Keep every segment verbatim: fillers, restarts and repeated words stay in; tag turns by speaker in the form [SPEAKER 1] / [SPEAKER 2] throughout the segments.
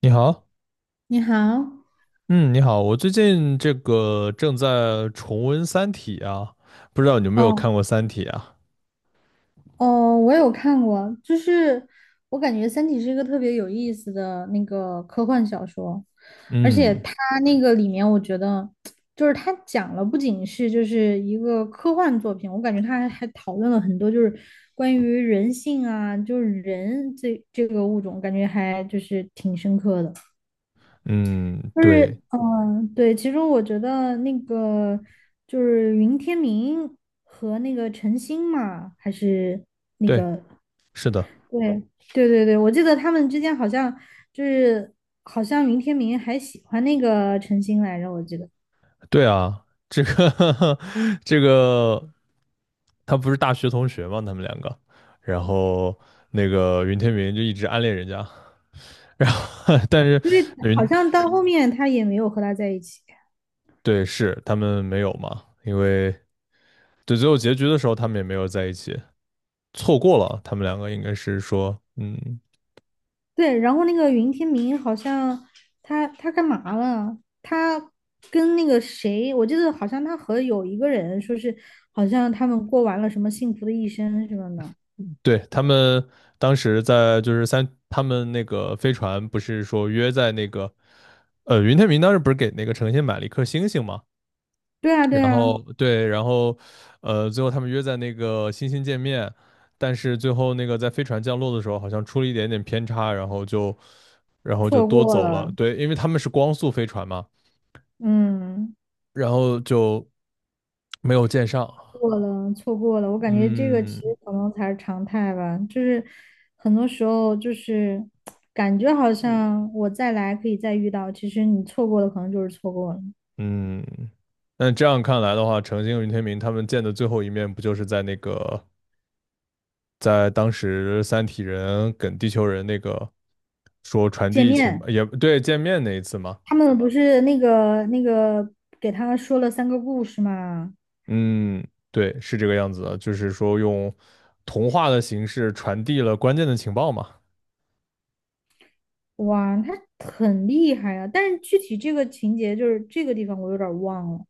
[SPEAKER 1] 你好，
[SPEAKER 2] 你好。
[SPEAKER 1] 嗯，你好，我最近这个正在重温《三体》啊，不知道你有没有看
[SPEAKER 2] 哦
[SPEAKER 1] 过《三体》啊？
[SPEAKER 2] 哦，我有看过。就是我感觉《三体》是一个特别有意思的那个科幻小说，而且
[SPEAKER 1] 嗯
[SPEAKER 2] 它那个里面，我觉得就是它讲了不仅是就是一个科幻作品，我感觉它还还讨论了很多就是关于人性啊，就是人这这个物种，感觉还就是挺深刻的。
[SPEAKER 1] 嗯，
[SPEAKER 2] 就是，
[SPEAKER 1] 对
[SPEAKER 2] 嗯，对，其实我觉得那个就是云天明和那个陈星嘛，还是那
[SPEAKER 1] 对，
[SPEAKER 2] 个，
[SPEAKER 1] 是的，
[SPEAKER 2] 对，对对对，我记得他们之间好像就是好像云天明还喜欢那个陈星来着，我记得，
[SPEAKER 1] 对啊，这个 这个，他不是大学同学吗？他们两个，然后那个云天明就一直暗恋人家，然后 但是
[SPEAKER 2] 因为好
[SPEAKER 1] 云，
[SPEAKER 2] 像到后面他也没有和他在一起。
[SPEAKER 1] 对，是他们没有嘛，因为对最后结局的时候他们也没有在一起，错过了，他们两个应该是说，嗯。
[SPEAKER 2] 对，然后那个云天明好像他他干嘛了？他跟那个谁，我记得好像他和有一个人说是，好像他们过完了什么幸福的一生什么的。
[SPEAKER 1] 对，他们当时在就是三，他们那个飞船不是说约在那个，呃，云天明当时不是给那个程心买了一颗星星嘛，
[SPEAKER 2] 对啊，对
[SPEAKER 1] 然
[SPEAKER 2] 啊，
[SPEAKER 1] 后对，然后呃，最后他们约在那个星星见面，但是最后那个在飞船降落的时候好像出了一点点偏差，然后就然后就
[SPEAKER 2] 错
[SPEAKER 1] 多
[SPEAKER 2] 过
[SPEAKER 1] 走了，
[SPEAKER 2] 了。
[SPEAKER 1] 对，因为他们是光速飞船嘛，
[SPEAKER 2] 嗯，
[SPEAKER 1] 然后就没有见上，
[SPEAKER 2] 过了，错过了。我感觉这个其
[SPEAKER 1] 嗯
[SPEAKER 2] 实可能才是常态吧，就是很多时候就是感觉好像我再来可以再遇到，其实你错过的可能就是错过了。
[SPEAKER 1] 嗯。那这样看来的话，程心和云天明他们见的最后一面，不就是在那个在当时三体人跟地球人那个说传
[SPEAKER 2] 见
[SPEAKER 1] 递情
[SPEAKER 2] 面
[SPEAKER 1] 也对见面那一次吗？
[SPEAKER 2] 他们不是那个那个给他说了三个故事嘛？
[SPEAKER 1] 嗯，对，是这个样子的，就是说用童话的形式传递了关键的情报嘛。
[SPEAKER 2] 哇，他很厉害啊！但是具体这个情节就是这个地方我有点儿忘了，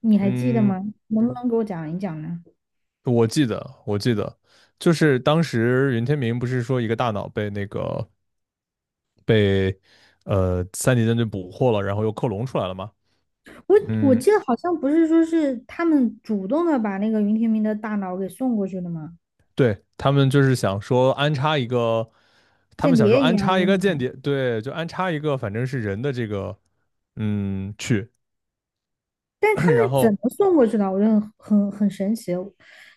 [SPEAKER 2] 你还记得
[SPEAKER 1] 嗯，
[SPEAKER 2] 吗？能不能给我讲一讲呢？
[SPEAKER 1] 我记得，我记得，就是当时云天明不是说一个大脑被那个被呃三级舰队捕获了，然后又克隆出来了吗？
[SPEAKER 2] 我我
[SPEAKER 1] 嗯，
[SPEAKER 2] 记得好像不是说是他们主动的把那个云天明的大脑给送过去的吗？
[SPEAKER 1] 对，他们就是想说安插一个，他们
[SPEAKER 2] 间
[SPEAKER 1] 想说
[SPEAKER 2] 谍一
[SPEAKER 1] 安
[SPEAKER 2] 样的
[SPEAKER 1] 插一
[SPEAKER 2] 东
[SPEAKER 1] 个间
[SPEAKER 2] 西。
[SPEAKER 1] 谍，对，就安插一个反正是人的这个，嗯，去，
[SPEAKER 2] 但是他 们
[SPEAKER 1] 然
[SPEAKER 2] 怎
[SPEAKER 1] 后
[SPEAKER 2] 么送过去的？我觉得很很很神奇，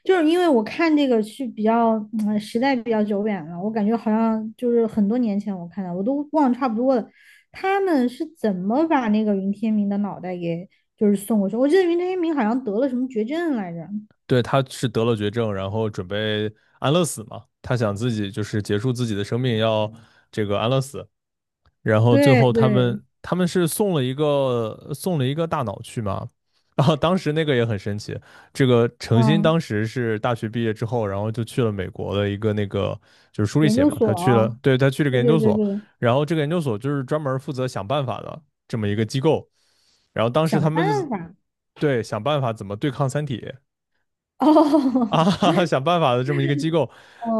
[SPEAKER 2] 就是因为我看这个是比较，嗯，时代比较久远了，我感觉好像就是很多年前我看的，我都忘差不多了。他们是怎么把那个云天明的脑袋给就是送过去？我记得云天明好像得了什么绝症来着。
[SPEAKER 1] 对他是得了绝症，然后准备安乐死嘛，他想自己就是结束自己的生命，要这个安乐死，然后最
[SPEAKER 2] 对
[SPEAKER 1] 后他
[SPEAKER 2] 对，
[SPEAKER 1] 们他们是送了一个送了一个大脑去嘛，然后当时那个也很神奇，这个程鑫
[SPEAKER 2] 嗯，
[SPEAKER 1] 当时是大学毕业之后，然后就去了美国的一个那个就是书里
[SPEAKER 2] 研
[SPEAKER 1] 写
[SPEAKER 2] 究
[SPEAKER 1] 嘛，他去了，
[SPEAKER 2] 所，
[SPEAKER 1] 对，他去了个
[SPEAKER 2] 对
[SPEAKER 1] 研
[SPEAKER 2] 对
[SPEAKER 1] 究
[SPEAKER 2] 对
[SPEAKER 1] 所，
[SPEAKER 2] 对，
[SPEAKER 1] 然后这个研究所就是专门负责想办法的这么一个机构，然后当时
[SPEAKER 2] 想
[SPEAKER 1] 他们就是
[SPEAKER 2] 办法。
[SPEAKER 1] 对想办法怎么对抗三体，
[SPEAKER 2] 哦
[SPEAKER 1] 啊，想办法的这么一个机构，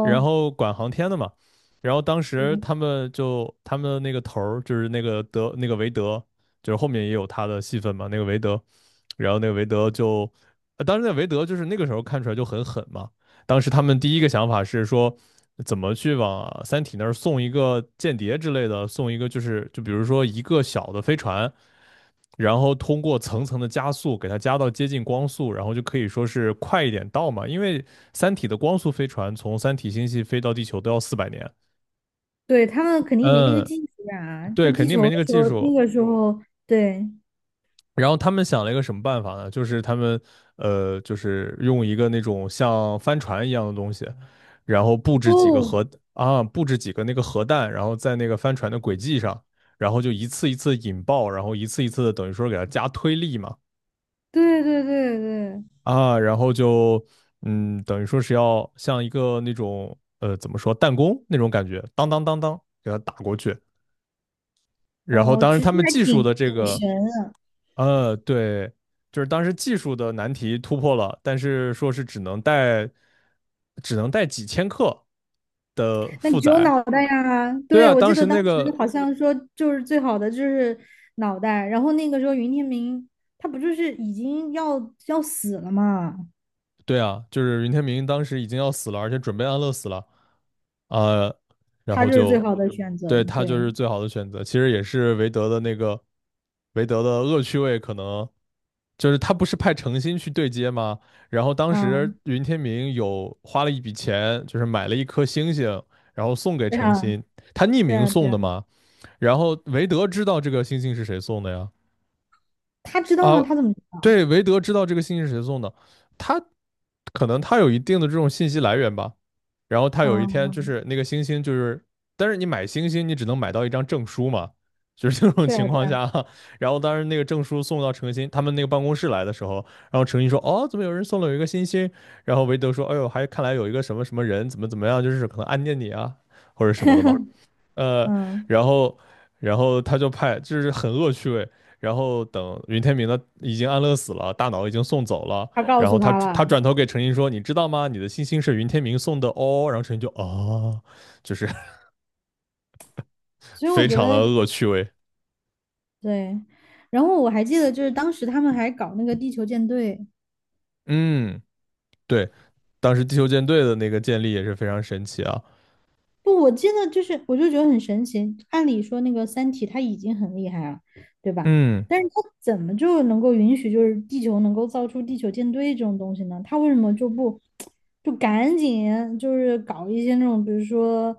[SPEAKER 1] 然后管航天的嘛。然后当时
[SPEAKER 2] 对，
[SPEAKER 1] 他们就他们的那个头儿就是那个德那个韦德，就是后面也有他的戏份嘛，那个韦德。然后那个韦德就，呃当时那个韦德就是那个时候看出来就很狠嘛。当时他们第一个想法是说，怎么去往《三体》那儿送一个间谍之类的，送一个就是就比如说一个小的飞船，然后通过层层的加速给它加到接近光速，然后就可以说是快一点到嘛。因为《三体》的光速飞船从三体星系飞到地球都要四百年，
[SPEAKER 2] 对他们肯定没那个
[SPEAKER 1] 嗯，
[SPEAKER 2] 技术啊，就
[SPEAKER 1] 对，肯
[SPEAKER 2] 地
[SPEAKER 1] 定
[SPEAKER 2] 球
[SPEAKER 1] 没那
[SPEAKER 2] 的
[SPEAKER 1] 个
[SPEAKER 2] 时
[SPEAKER 1] 技
[SPEAKER 2] 候，那
[SPEAKER 1] 术。
[SPEAKER 2] 个时候，对。
[SPEAKER 1] 然后他们想了一个什么办法呢？就是他们呃，就是用一个那种像帆船一样的东西，然后布置几个
[SPEAKER 2] 哦，
[SPEAKER 1] 核啊，布置几个那个核弹，然后在那个帆船的轨迹上，然后就一次一次引爆，然后一次一次的等于说给它加推力嘛
[SPEAKER 2] 对对对对，
[SPEAKER 1] 啊，然后就嗯，等于说是要像一个那种呃怎么说弹弓那种感觉，当当当当给它打过去。然后
[SPEAKER 2] 哦，
[SPEAKER 1] 当然
[SPEAKER 2] 其
[SPEAKER 1] 他
[SPEAKER 2] 实
[SPEAKER 1] 们
[SPEAKER 2] 还
[SPEAKER 1] 技术
[SPEAKER 2] 挺
[SPEAKER 1] 的这
[SPEAKER 2] 挺
[SPEAKER 1] 个
[SPEAKER 2] 神的。
[SPEAKER 1] 呃，对，就是当时技术的难题突破了，但是说是只能带，只能带几千克的
[SPEAKER 2] 那
[SPEAKER 1] 负
[SPEAKER 2] 只有
[SPEAKER 1] 载。
[SPEAKER 2] 脑袋呀，
[SPEAKER 1] 对
[SPEAKER 2] 对，
[SPEAKER 1] 啊，
[SPEAKER 2] 我记
[SPEAKER 1] 当
[SPEAKER 2] 得
[SPEAKER 1] 时
[SPEAKER 2] 当
[SPEAKER 1] 那
[SPEAKER 2] 时
[SPEAKER 1] 个，
[SPEAKER 2] 好像说就是最好的就是脑袋，然后那个时候云天明他不就是已经要要死了嘛，
[SPEAKER 1] 对啊，就是云天明当时已经要死了，而且准备安乐死了，呃，然
[SPEAKER 2] 他
[SPEAKER 1] 后
[SPEAKER 2] 就是最
[SPEAKER 1] 就
[SPEAKER 2] 好的选
[SPEAKER 1] 对
[SPEAKER 2] 择。
[SPEAKER 1] 他就
[SPEAKER 2] 对，
[SPEAKER 1] 是最好的选择。其实也是韦德的那个韦德的恶趣味，可能就是他不是派程心去对接吗？然后当
[SPEAKER 2] 啊，
[SPEAKER 1] 时云天明有花了一笔钱，就是买了一颗星星，然后送给
[SPEAKER 2] 对
[SPEAKER 1] 程
[SPEAKER 2] 啊，
[SPEAKER 1] 心，他匿
[SPEAKER 2] 对
[SPEAKER 1] 名
[SPEAKER 2] 啊，对
[SPEAKER 1] 送的
[SPEAKER 2] 啊，
[SPEAKER 1] 嘛。然后韦德知道这个星星是谁送的呀？
[SPEAKER 2] 他知道吗？
[SPEAKER 1] 啊，
[SPEAKER 2] 他怎么知道？
[SPEAKER 1] 对，韦德知道这个星星是谁送的，他可能他有一定的这种信息来源吧。然后他有一
[SPEAKER 2] 啊，
[SPEAKER 1] 天就是那个星星，就是但是你买星星，你只能买到一张证书嘛，就是这种
[SPEAKER 2] 对
[SPEAKER 1] 情
[SPEAKER 2] 啊，对
[SPEAKER 1] 况
[SPEAKER 2] 啊，
[SPEAKER 1] 下啊然后当时那个证书送到程鑫他们那个办公室来的时候，然后程鑫说：“哦，怎么有人送了有一个星星？”然后韦德说：“哎呦，还看来有一个什么什么人怎么怎么样，就是可能暗恋你啊，或者什么的吧。” 呃，
[SPEAKER 2] 嗯，
[SPEAKER 1] 然后然后他就派，就是很恶趣味。然后等云天明的已经安乐死了，大脑已经送走了。
[SPEAKER 2] 他告
[SPEAKER 1] 然后
[SPEAKER 2] 诉
[SPEAKER 1] 他
[SPEAKER 2] 他
[SPEAKER 1] 他
[SPEAKER 2] 了，
[SPEAKER 1] 转头给陈琳说：“你知道吗？你的星星是云天明送的哦。”然后陈琳就啊，就是
[SPEAKER 2] 所以我
[SPEAKER 1] 非
[SPEAKER 2] 觉
[SPEAKER 1] 常的
[SPEAKER 2] 得
[SPEAKER 1] 恶趣味。
[SPEAKER 2] 对。然后我还记得就是当时他们还搞那个地球舰队。
[SPEAKER 1] 嗯，对，当时地球舰队的那个建立也是非常神奇啊。
[SPEAKER 2] 不，我记得就是，我就觉得很神奇。按理说，那个《三体》它已经很厉害了，对吧？
[SPEAKER 1] 嗯
[SPEAKER 2] 但是它怎么就能够允许，就是地球能够造出地球舰队这种东西呢？它为什么就不就赶紧就是搞一些那种，比如说，嗯、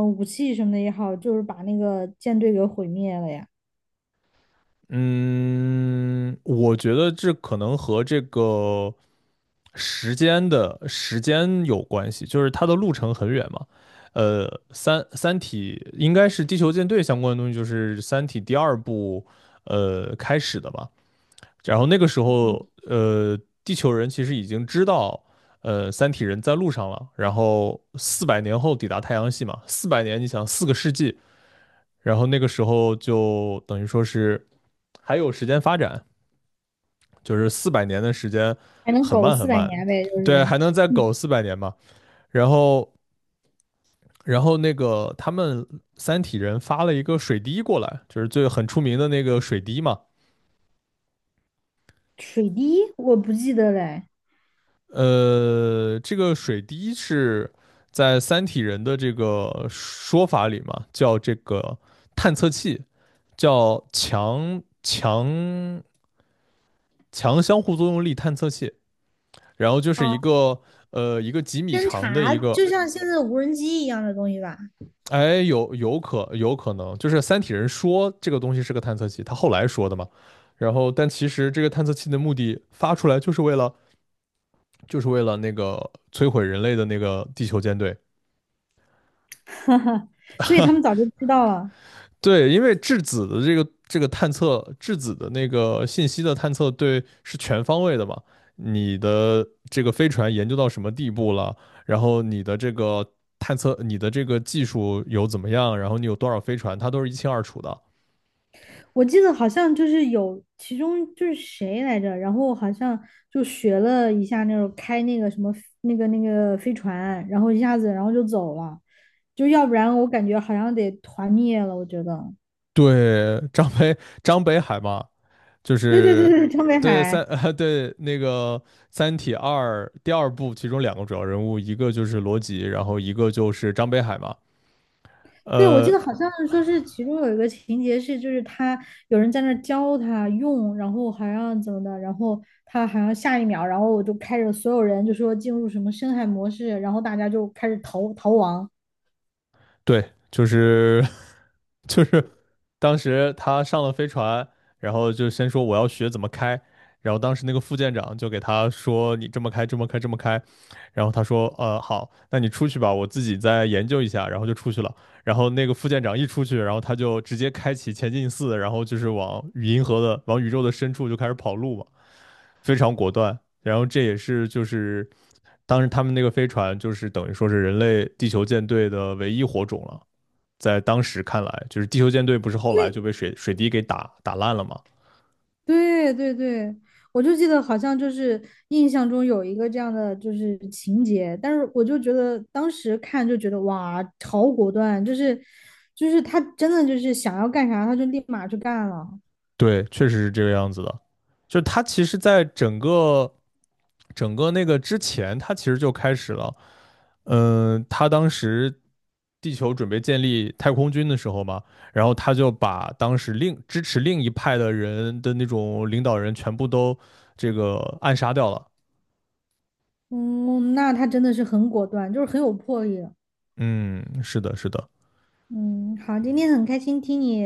[SPEAKER 2] 呃武器什么的也好，就是把那个舰队给毁灭了呀？
[SPEAKER 1] 嗯，我觉得这可能和这个。时间的时间有关系，就是它的路程很远嘛。呃，三三体应该是地球舰队相关的东西，就是三体第二部呃开始的吧。然后那个时候，呃，地球人其实已经知道，呃，三体人在路上了。然后四百年后抵达太阳系嘛，四百年，你想四个世纪。然后那个时候就等于说是还有时间发展，就是四百年的时间
[SPEAKER 2] 还能
[SPEAKER 1] 很
[SPEAKER 2] 苟
[SPEAKER 1] 慢
[SPEAKER 2] 四
[SPEAKER 1] 很
[SPEAKER 2] 百
[SPEAKER 1] 慢，
[SPEAKER 2] 年呗？就
[SPEAKER 1] 对，
[SPEAKER 2] 是，
[SPEAKER 1] 还能再苟
[SPEAKER 2] 嗯，
[SPEAKER 1] 四百年嘛。然后，然后那个他们三体人发了一个水滴过来，就是最很出名的那个水滴嘛。
[SPEAKER 2] 水滴我不记得嘞。
[SPEAKER 1] 呃，这个水滴是在三体人的这个说法里嘛，叫这个探测器，叫强强强相互作用力探测器。然后就是一
[SPEAKER 2] 哦，
[SPEAKER 1] 个呃一个几米
[SPEAKER 2] 侦
[SPEAKER 1] 长的
[SPEAKER 2] 察
[SPEAKER 1] 一个
[SPEAKER 2] 就像现在的无人机一样的东西吧？
[SPEAKER 1] 哎，有有可有可能，就是三体人说这个东西是个探测器，他后来说的嘛。然后，但其实这个探测器的目的发出来就是为了，就是为了那个摧毁人类的那个地球舰队。
[SPEAKER 2] 所以他们早就知道了。
[SPEAKER 1] 对，因为质子的这个这个探测，质子的那个信息的探测，对，是全方位的嘛。你的这个飞船研究到什么地步了？然后你的这个探测，你的这个技术有怎么样？然后你有多少飞船，它都是一清二楚的。
[SPEAKER 2] 我记得好像就是有其中就是谁来着，然后好像就学了一下那种开那个什么那个那个飞船，然后一下子然后就走了，就要不然我感觉好像得团灭了，我觉得。
[SPEAKER 1] 对，张北张北海嘛，就
[SPEAKER 2] 对对对
[SPEAKER 1] 是
[SPEAKER 2] 对，张北
[SPEAKER 1] 对三
[SPEAKER 2] 海。
[SPEAKER 1] 对那个《三体二》第二部，其中两个主要人物，一个就是罗辑，然后一个就是张北海嘛。
[SPEAKER 2] 对，我记
[SPEAKER 1] 呃，
[SPEAKER 2] 得好像是说是其中有一个情节是，就是他有人在那儿教他用，然后好像怎么的，然后他好像下一秒，然后我就开着所有人就说进入什么深海模式，然后大家就开始逃逃亡。
[SPEAKER 1] 对，就是 就是当时他上了飞船，然后就先说我要学怎么开，然后当时那个副舰长就给他说你这么开，这么开，这么开，然后他说呃好，那你出去吧，我自己再研究一下，然后就出去了。然后那个副舰长一出去，然后他就直接开启前进四，然后就是往与银河的往宇宙的深处就开始跑路嘛，非常果断。然后这也是就是当时他们那个飞船就是等于说是人类地球舰队的唯一火种了。在当时看来，就是地球舰队不是后来就被水水滴给打打烂了吗？
[SPEAKER 2] 对对对，我就记得好像就是印象中有一个这样的就是情节，但是我就觉得当时看就觉得哇，好果断，就是就是他真的就是想要干啥他就立马去干了。
[SPEAKER 1] 对，确实是这个样子的。就是它其实，在整个整个那个之前，他其实就开始了。嗯、呃他当时地球准备建立太空军的时候嘛，然后他就把当时另支持另一派的人的那种领导人全部都这个暗杀掉了。
[SPEAKER 2] 嗯，那他真的是很果断，就是很有魄力。
[SPEAKER 1] 嗯，是的，是的。
[SPEAKER 2] 嗯，好，今天很开心听你，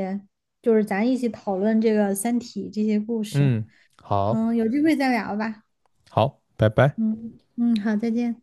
[SPEAKER 2] 就是咱一起讨论这个《三体》这些故事。
[SPEAKER 1] 嗯，好，
[SPEAKER 2] 嗯，有机会再聊吧。
[SPEAKER 1] 好，拜拜。
[SPEAKER 2] 嗯嗯，好，再见。